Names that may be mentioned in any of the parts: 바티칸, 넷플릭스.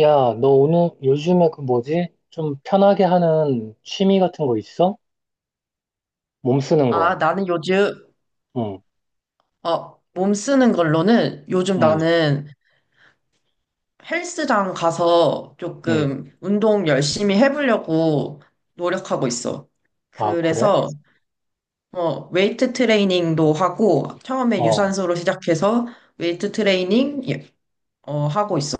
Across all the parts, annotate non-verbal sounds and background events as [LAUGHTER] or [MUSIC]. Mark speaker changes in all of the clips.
Speaker 1: 야, 너 오늘 요즘에 그 뭐지? 좀 편하게 하는 취미 같은 거 있어? 몸 쓰는
Speaker 2: 아,
Speaker 1: 거.
Speaker 2: 나는 요즘,
Speaker 1: 응,
Speaker 2: 몸 쓰는 걸로는 요즘
Speaker 1: 응,
Speaker 2: 나는 헬스장 가서
Speaker 1: 응.
Speaker 2: 조금 운동 열심히 해보려고 노력하고 있어.
Speaker 1: 아, 그래?
Speaker 2: 그래서, 웨이트 트레이닝도 하고, 처음에
Speaker 1: 어,
Speaker 2: 유산소로 시작해서 웨이트 트레이닝, 예, 하고 있어.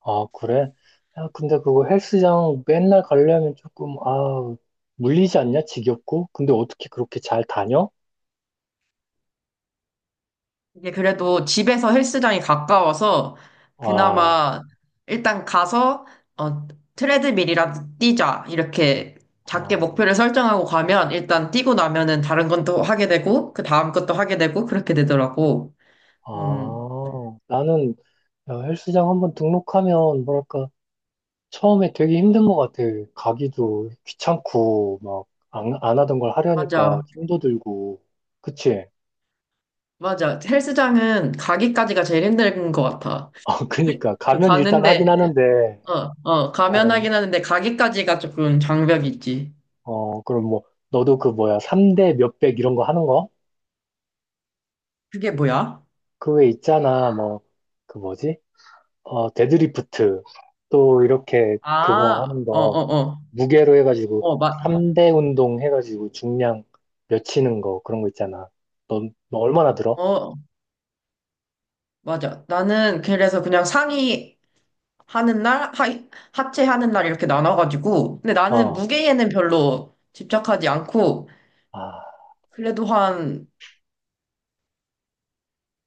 Speaker 1: 아, 그래? 야, 근데 그거 헬스장 맨날 가려면 조금, 물리지 않냐? 지겹고? 근데 어떻게 그렇게 잘 다녀?
Speaker 2: 이게 그래도 집에서 헬스장이 가까워서
Speaker 1: 와,
Speaker 2: 그나마 일단 가서 어, 트레드밀이라도 뛰자 이렇게 작게
Speaker 1: 아,
Speaker 2: 목표를 설정하고 가면 일단 뛰고 나면은 다른 건 또 하게 되고 그 다음 것도 하게 되고 그렇게 되더라고. 음,
Speaker 1: 아, 나는 야, 헬스장 한번 등록하면, 뭐랄까, 처음에 되게 힘든 것 같아. 가기도 귀찮고, 막, 안 하던 걸 하려니까
Speaker 2: 맞아.
Speaker 1: 힘도 들고. 그치?
Speaker 2: 맞아. 헬스장은 가기까지가 제일 힘든 것 같아.
Speaker 1: [LAUGHS] 그니까.
Speaker 2: 그
Speaker 1: 가면 일단 하긴
Speaker 2: 가는데
Speaker 1: 하는데,
Speaker 2: 가면
Speaker 1: 어,
Speaker 2: 하긴 하는데 가기까지가 조금 장벽이 있지.
Speaker 1: 그럼 뭐, 너도 그 뭐야, 3대 몇백 이런 거 하는 거?
Speaker 2: 그게 뭐야?
Speaker 1: 그 외에 있잖아, 뭐, 그 뭐지? 데드리프트. 또 이렇게 그거
Speaker 2: 아,
Speaker 1: 하는
Speaker 2: 어,
Speaker 1: 거,
Speaker 2: 어, 어.
Speaker 1: 무게로 해가지고,
Speaker 2: 어, 맞,
Speaker 1: 3대 운동 해가지고 중량 몇 치는 거, 그런 거 있잖아. 너 얼마나 들어?
Speaker 2: 어, 맞아. 나는 그래서 그냥 상의 하는 날, 하 하체 하는 날 이렇게 나눠가지고. 근데 나는
Speaker 1: 어,
Speaker 2: 무게에는 별로 집착하지 않고,
Speaker 1: 아.
Speaker 2: 그래도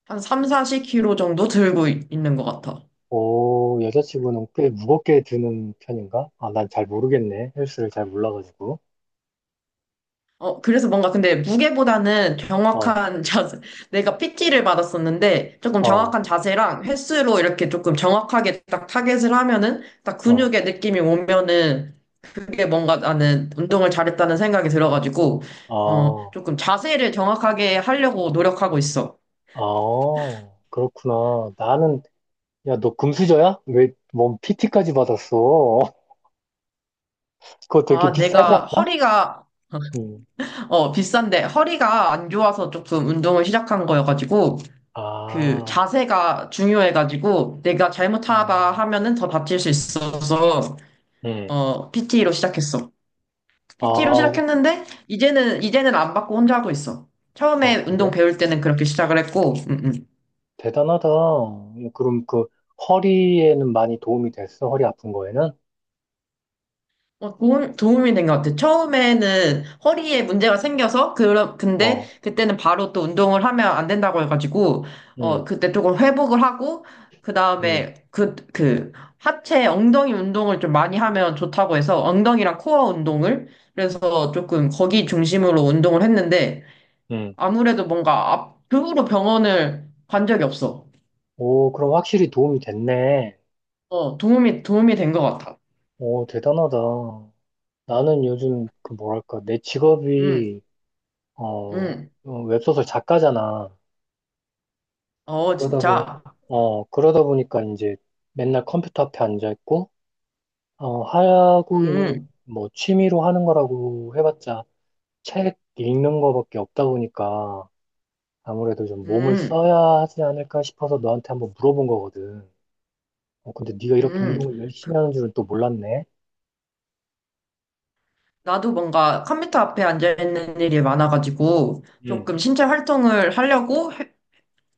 Speaker 2: 한 3, 40kg 정도 있는 것 같아.
Speaker 1: 오, 여자친구는 꽤 무겁게 드는 편인가? 아, 난 잘 모르겠네. 헬스를 잘 몰라가지고.
Speaker 2: 그래서 뭔가 근데 무게보다는
Speaker 1: 어,
Speaker 2: 정확한 [LAUGHS] 자세, 내가 PT를 받았었는데, 조금
Speaker 1: 어,
Speaker 2: 정확한 자세랑 횟수로 이렇게 조금 정확하게 딱 타겟을 하면은, 딱
Speaker 1: 어,
Speaker 2: 근육의 느낌이 오면은, 그게 뭔가 나는 운동을 잘했다는 생각이 들어가지고,
Speaker 1: 어,
Speaker 2: 조금 자세를 정확하게 하려고 노력하고 있어.
Speaker 1: 어, 그렇구나. 나는, 야, 너 금수저야? 왜, 뭔 PT까지 받았어? [LAUGHS] 그거 되게
Speaker 2: 아,
Speaker 1: 비싸지
Speaker 2: 내가
Speaker 1: 않나?
Speaker 2: 허리가,
Speaker 1: 음,
Speaker 2: [LAUGHS] 비싼데 허리가 안 좋아서 조금 운동을 시작한 거여가지고,
Speaker 1: 아,
Speaker 2: 그
Speaker 1: 어,
Speaker 2: 자세가 중요해가지고, 내가 잘못하다 하면은 더 다칠 수 있어서,
Speaker 1: 음,
Speaker 2: PT로 시작했어. PT로
Speaker 1: 아,
Speaker 2: 시작했는데, 이제는 안 받고 혼자 하고 있어.
Speaker 1: 아,
Speaker 2: 처음에 운동
Speaker 1: 그래?
Speaker 2: 배울 때는 그렇게 시작을 했고,
Speaker 1: 대단하다. 그럼 그, 허리에는 많이 도움이 됐어? 허리 아픈 거에는?
Speaker 2: 도움이 된 것 같아요. 처음에는 허리에 문제가 생겨서, 그런, 근데
Speaker 1: 어,
Speaker 2: 그때는 바로 또 운동을 하면 안 된다고 해가지고,
Speaker 1: 응
Speaker 2: 그때 조금 회복을 하고, 그
Speaker 1: 응
Speaker 2: 다음에 그, 하체 엉덩이 운동을 좀 많이 하면 좋다고 해서, 엉덩이랑 코어 운동을, 그래서 조금 거기 중심으로 운동을 했는데,
Speaker 1: 응
Speaker 2: 아무래도 뭔가 그 후로 병원을 간 적이 없어.
Speaker 1: 오, 그럼 확실히 도움이 됐네.
Speaker 2: 도움이 된 것 같아.
Speaker 1: 오, 대단하다. 나는 요즘 그 뭐랄까, 내
Speaker 2: 음,
Speaker 1: 직업이, 어,
Speaker 2: 음,
Speaker 1: 웹소설 작가잖아.
Speaker 2: 어,
Speaker 1: 그러다 보니까,
Speaker 2: 진짜.
Speaker 1: 그러다 보니까 이제 맨날 컴퓨터 앞에 앉아있고, 하고 있는
Speaker 2: 음,
Speaker 1: 뭐 취미로 하는 거라고 해봤자 책 읽는 거밖에 없다 보니까 아무래도 좀 몸을
Speaker 2: 음.
Speaker 1: 써야 하지 않을까 싶어서 너한테 한번 물어본 거거든. 어, 근데 네가 이렇게
Speaker 2: 음,
Speaker 1: 운동을 열심히
Speaker 2: 그,
Speaker 1: 하는 줄은 또 몰랐네.
Speaker 2: 나도 뭔가 컴퓨터 앞에 앉아있는 일이 많아가지고
Speaker 1: 응,
Speaker 2: 조금 신체 활동을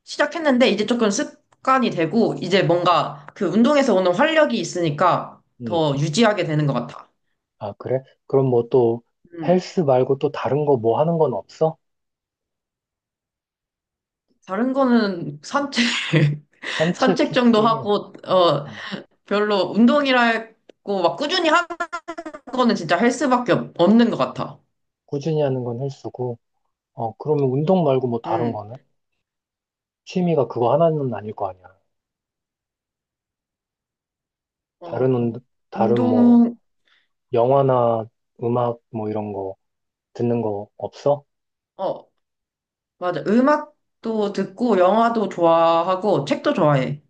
Speaker 2: 시작했는데 이제 조금 습관이 되고 이제 뭔가 그 운동에서 오는 활력이 있으니까
Speaker 1: 응.
Speaker 2: 더 유지하게 되는 것 같아.
Speaker 1: 아, 그래? 그럼 뭐 또
Speaker 2: 음,
Speaker 1: 헬스 말고 또 다른 거 뭐 하는 건 없어?
Speaker 2: 다른 거는 산책, [LAUGHS]
Speaker 1: 산책
Speaker 2: 산책 정도
Speaker 1: 좋지.
Speaker 2: 하고,
Speaker 1: 어,
Speaker 2: 별로 운동이라고 막 꾸준히 하는 거는 진짜 헬스밖에 없는 것 같아.
Speaker 1: 꾸준히 하는 건 헬스고. 어, 그러면 운동 말고 뭐 다른
Speaker 2: 음,
Speaker 1: 거는? 취미가 그거 하나는 아닐 거 아니야.
Speaker 2: 어,
Speaker 1: 다른 운 다른 뭐
Speaker 2: 운동,
Speaker 1: 영화나 음악 뭐 이런 거 듣는 거 없어?
Speaker 2: 어, 맞아. 음악도 듣고, 영화도 좋아하고, 책도 좋아해.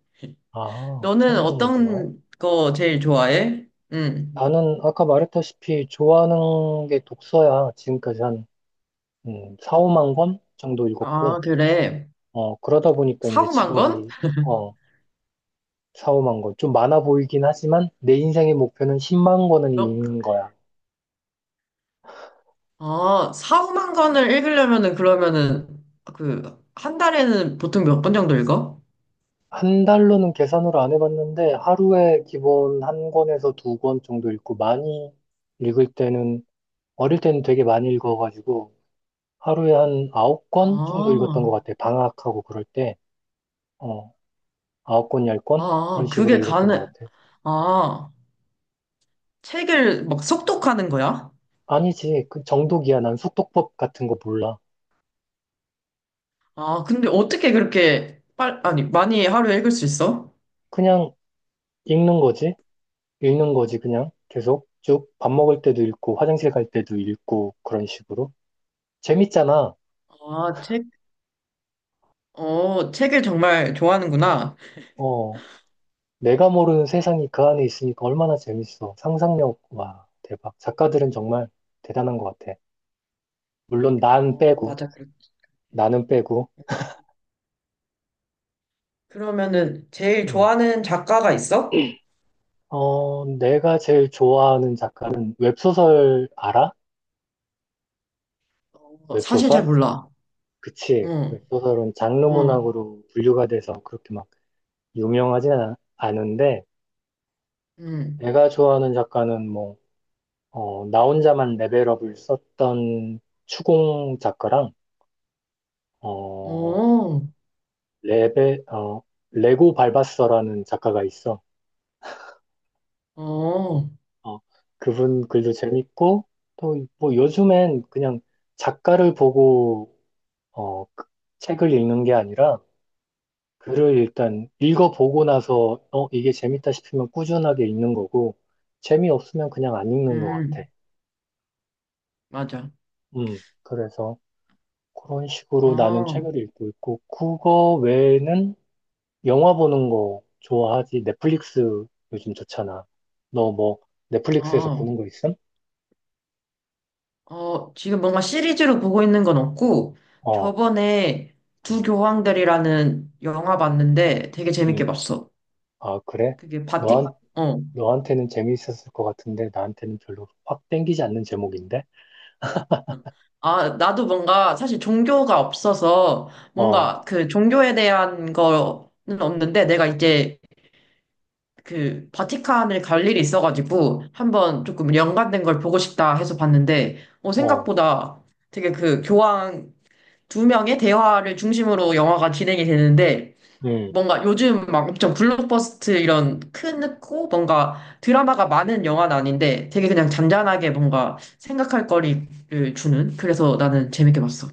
Speaker 1: 아,
Speaker 2: 너는
Speaker 1: 청량이 좋아해?
Speaker 2: 어떤 거 제일 좋아해? 응.
Speaker 1: 나는 아까 말했다시피 좋아하는 게 독서야. 지금까지 한 4, 5만 권 정도 읽었고.
Speaker 2: 아, 그래.
Speaker 1: 어, 그러다 보니까 이제
Speaker 2: 사후만 건?
Speaker 1: 직업이 어, 4, 5만 권. 좀 많아 보이긴 하지만 내 인생의 목표는 10만 권은
Speaker 2: 너,
Speaker 1: 읽는 거야.
Speaker 2: 아, 사후만 건을 읽으려면은, 그러면은, 그, 한 달에는 보통 몇 권 정도 읽어?
Speaker 1: 한 달로는 계산으로 안 해봤는데 하루에 기본 한 권에서 두 권 정도 읽고 많이 읽을 때는 어릴 때는 되게 많이 읽어가지고 하루에 한 9권 정도 읽었던 것
Speaker 2: 아,
Speaker 1: 같아. 방학하고 그럴 때. 어, 9권, 10권? 그런
Speaker 2: 아,
Speaker 1: 식으로 읽었던 것 같아.
Speaker 2: 아, 책을 막 속독하는 거야?
Speaker 1: 아니지. 그 정독이야. 난 속독법 같은 거 몰라.
Speaker 2: 아, 근데 어떻게 아니, 많이 하루에 읽을 수 있어?
Speaker 1: 그냥 읽는 거지. 읽는 거지, 그냥. 계속 쭉 밥 먹을 때도 읽고, 화장실 갈 때도 읽고, 그런 식으로. 재밌잖아.
Speaker 2: 아, 책을 정말 좋아하는구나.
Speaker 1: 어, 내가 모르는 세상이 그 안에 있으니까 얼마나 재밌어. 상상력, 와, 대박. 작가들은 정말 대단한 것 같아. 물론 난
Speaker 2: 어,
Speaker 1: 빼고,
Speaker 2: 맞아, 그렇
Speaker 1: 나는 빼고.
Speaker 2: 그러면은 제일
Speaker 1: 음.
Speaker 2: 좋아하는 작가가 있어?
Speaker 1: 어, 내가 제일 좋아하는 작가는 웹소설 알아?
Speaker 2: 어, 사실
Speaker 1: 웹소설?
Speaker 2: 잘 몰라.
Speaker 1: 그치.
Speaker 2: 응,
Speaker 1: 웹소설은 장르
Speaker 2: 응,
Speaker 1: 문학으로 분류가 돼서 그렇게 막 유명하진 않은데,
Speaker 2: 응.
Speaker 1: 내가 좋아하는 작가는 뭐, 나 혼자만 레벨업을 썼던 추공 작가랑, 어,
Speaker 2: 오,
Speaker 1: 레벨, 어, 레고 발바서라는 작가가 있어.
Speaker 2: 오,
Speaker 1: 어, 그분 글도 재밌고, 또, 뭐, 요즘엔 그냥 작가를 보고, 그 책을 읽는 게 아니라, 글을 일단 읽어보고 나서, 이게 재밌다 싶으면 꾸준하게 읽는 거고, 재미없으면 그냥 안 읽는 것 같아.
Speaker 2: 음, 맞아.
Speaker 1: 그래서 그런 식으로 나는
Speaker 2: 어,
Speaker 1: 책을 읽고 있고, 국어 외에는 영화 보는 거 좋아하지? 넷플릭스 요즘 좋잖아. 너 뭐 넷플릭스에서
Speaker 2: 어,
Speaker 1: 보는 거 있음?
Speaker 2: 지금 뭔가 시리즈로 보고 있는 건 없고,
Speaker 1: 어,
Speaker 2: 저번에 두
Speaker 1: 음,
Speaker 2: 교황들이라는 영화 봤는데 되게 재밌게
Speaker 1: 음.
Speaker 2: 봤어.
Speaker 1: 아, 그래?
Speaker 2: 그게 바티,
Speaker 1: 너한,
Speaker 2: 어.
Speaker 1: 너한테는 재미있었을 것 같은데 나한테는 별로 확 땡기지 않는 제목인데?
Speaker 2: 아, 나도 뭔가 사실 종교가 없어서
Speaker 1: 어,
Speaker 2: 뭔가 그 종교에 대한 거는 없는데 내가 이제 그 바티칸을 갈 일이 있어가지고 한번 조금 연관된 걸 보고 싶다 해서 봤는데
Speaker 1: 어,
Speaker 2: 생각보다 되게 그 교황 두 명의 대화를 중심으로 영화가 진행이 되는데
Speaker 1: 음.
Speaker 2: 뭔가 요즘 막 엄청 블록버스트 이런 크고 뭔가 드라마가 많은 영화는 아닌데 되게 그냥 잔잔하게 뭔가 생각할 거리를 주는 그래서 나는 재밌게 봤어.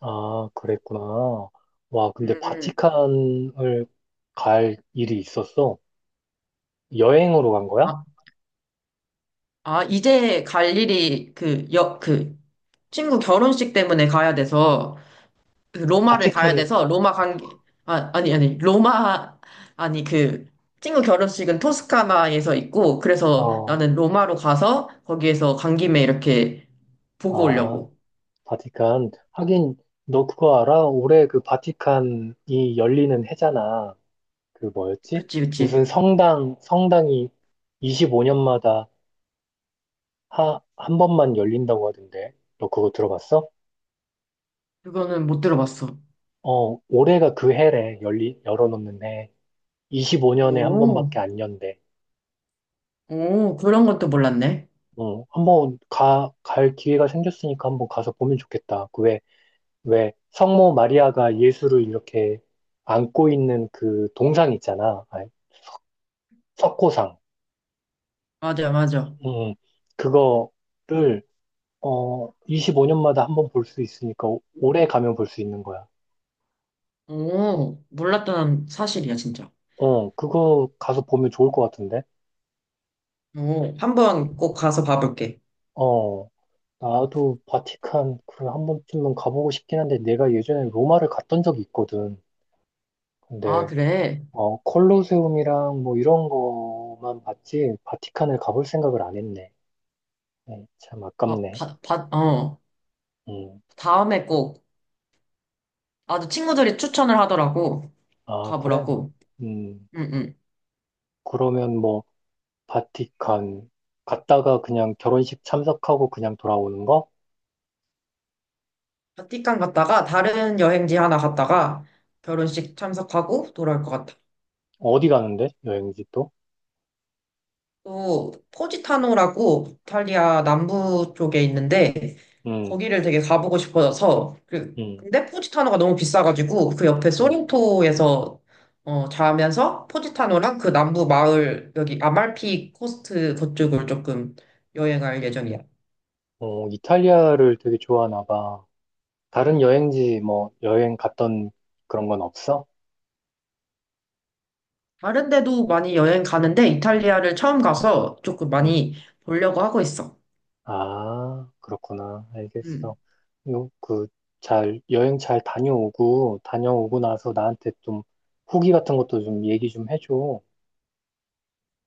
Speaker 1: 아, 그랬구나. 와, 근데
Speaker 2: 음,
Speaker 1: 바티칸을 갈 일이 있었어? 여행으로 간 거야?
Speaker 2: 아, 아, 이제 갈 일이 그 친구 결혼식 때문에 가야 돼서 로마를 가야
Speaker 1: 바티칸에,
Speaker 2: 돼서 로마 관계 아, 아니 아니 로마 아니 그 친구 결혼식은 토스카나에서 있고 그래서
Speaker 1: 어,
Speaker 2: 나는 로마로 가서 거기에서 간 김에 이렇게 보고
Speaker 1: 아.
Speaker 2: 오려고.
Speaker 1: 바티칸. 하긴, 너 그거 알아? 올해 그 바티칸이 열리는 해잖아. 그 뭐였지?
Speaker 2: 그치
Speaker 1: 무슨
Speaker 2: 그치.
Speaker 1: 성당이 25년마다 한 번만 열린다고 하던데. 너 그거 들어봤어?
Speaker 2: 그거는 못 들어봤어.
Speaker 1: 어, 올해가 그 해래. 열어놓는 해. 25년에 한
Speaker 2: 오,
Speaker 1: 번밖에 안 연대.
Speaker 2: 오 그런 것도 몰랐네.
Speaker 1: 어, 한번 갈 기회가 생겼으니까 한 번 가서 보면 좋겠다. 그 왜, 성모 마리아가 예수를 이렇게 안고 있는 그 동상 있잖아. 아니, 석고상.
Speaker 2: 맞아 맞아.
Speaker 1: 음, 그거를, 25년마다 한 번 볼 수 있으니까 올해 가면 볼 수 있는 거야.
Speaker 2: 오 몰랐던 사실이야 진짜.
Speaker 1: 어, 그거 가서 보면 좋을 것 같은데?
Speaker 2: 오 한번 꼭 가서 봐볼게.
Speaker 1: 어, 나도 바티칸, 그래, 한 번쯤은 가보고 싶긴 한데, 내가 예전에 로마를 갔던 적이 있거든.
Speaker 2: 아
Speaker 1: 근데,
Speaker 2: 그래.
Speaker 1: 콜로세움이랑 뭐 이런 거만 봤지, 바티칸을 가볼 생각을 안 했네. 네, 참
Speaker 2: 아,
Speaker 1: 아깝네.
Speaker 2: 바, 바, 어
Speaker 1: 음,
Speaker 2: 다음에 꼭. 나도 친구들이 추천을 하더라고.
Speaker 1: 아, 그래.
Speaker 2: 가보라고.
Speaker 1: 음,
Speaker 2: 응응.
Speaker 1: 그러면 뭐, 바티칸. 갔다가 그냥 결혼식 참석하고 그냥 돌아오는 거?
Speaker 2: 바티칸 갔다가 다른 여행지 하나 갔다가 결혼식 참석하고 돌아올 것 같아.
Speaker 1: 어디 가는데? 여행지 또?
Speaker 2: 또 포지타노라고 이탈리아 남부 쪽에 있는데
Speaker 1: 음,
Speaker 2: 거기를 되게 가보고 싶어서 그
Speaker 1: 음,
Speaker 2: 근데 포지타노가 너무 비싸가지고 그 옆에
Speaker 1: 음.
Speaker 2: 소린토에서 자면서 포지타노랑 그 남부 마을 여기 아말피 코스트 그쪽을 조금 여행할 예정이야.
Speaker 1: 어, 이탈리아를 되게 좋아하나 봐. 다른 여행지 뭐 여행 갔던 그런 건 없어?
Speaker 2: 다른 데도 많이 여행 가는데 이탈리아를 처음 가서 조금
Speaker 1: 음.
Speaker 2: 많이 보려고 하고 있어.
Speaker 1: 아, 그렇구나. 알겠어.
Speaker 2: 음.
Speaker 1: 요, 그, 잘, 여행 잘 다녀오고, 다녀오고 나서 나한테 좀 후기 같은 것도 좀 얘기 좀 해줘.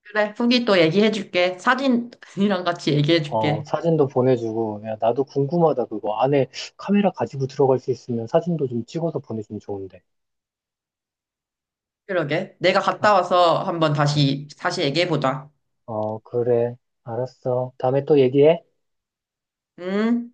Speaker 2: 그래, 후기 또 얘기해줄게. 사진이랑 같이
Speaker 1: 어,
Speaker 2: 얘기해줄게.
Speaker 1: 사진도 보내주고, 야, 나도 궁금하다, 그거. 안에 카메라 가지고 들어갈 수 있으면 사진도 좀 찍어서 보내주면 좋은데.
Speaker 2: 그러게. 내가
Speaker 1: 어,
Speaker 2: 갔다 와서 한번
Speaker 1: 어,
Speaker 2: 다시 얘기해보자.
Speaker 1: 어, 그래. 알았어. 다음에 또 얘기해.
Speaker 2: 응?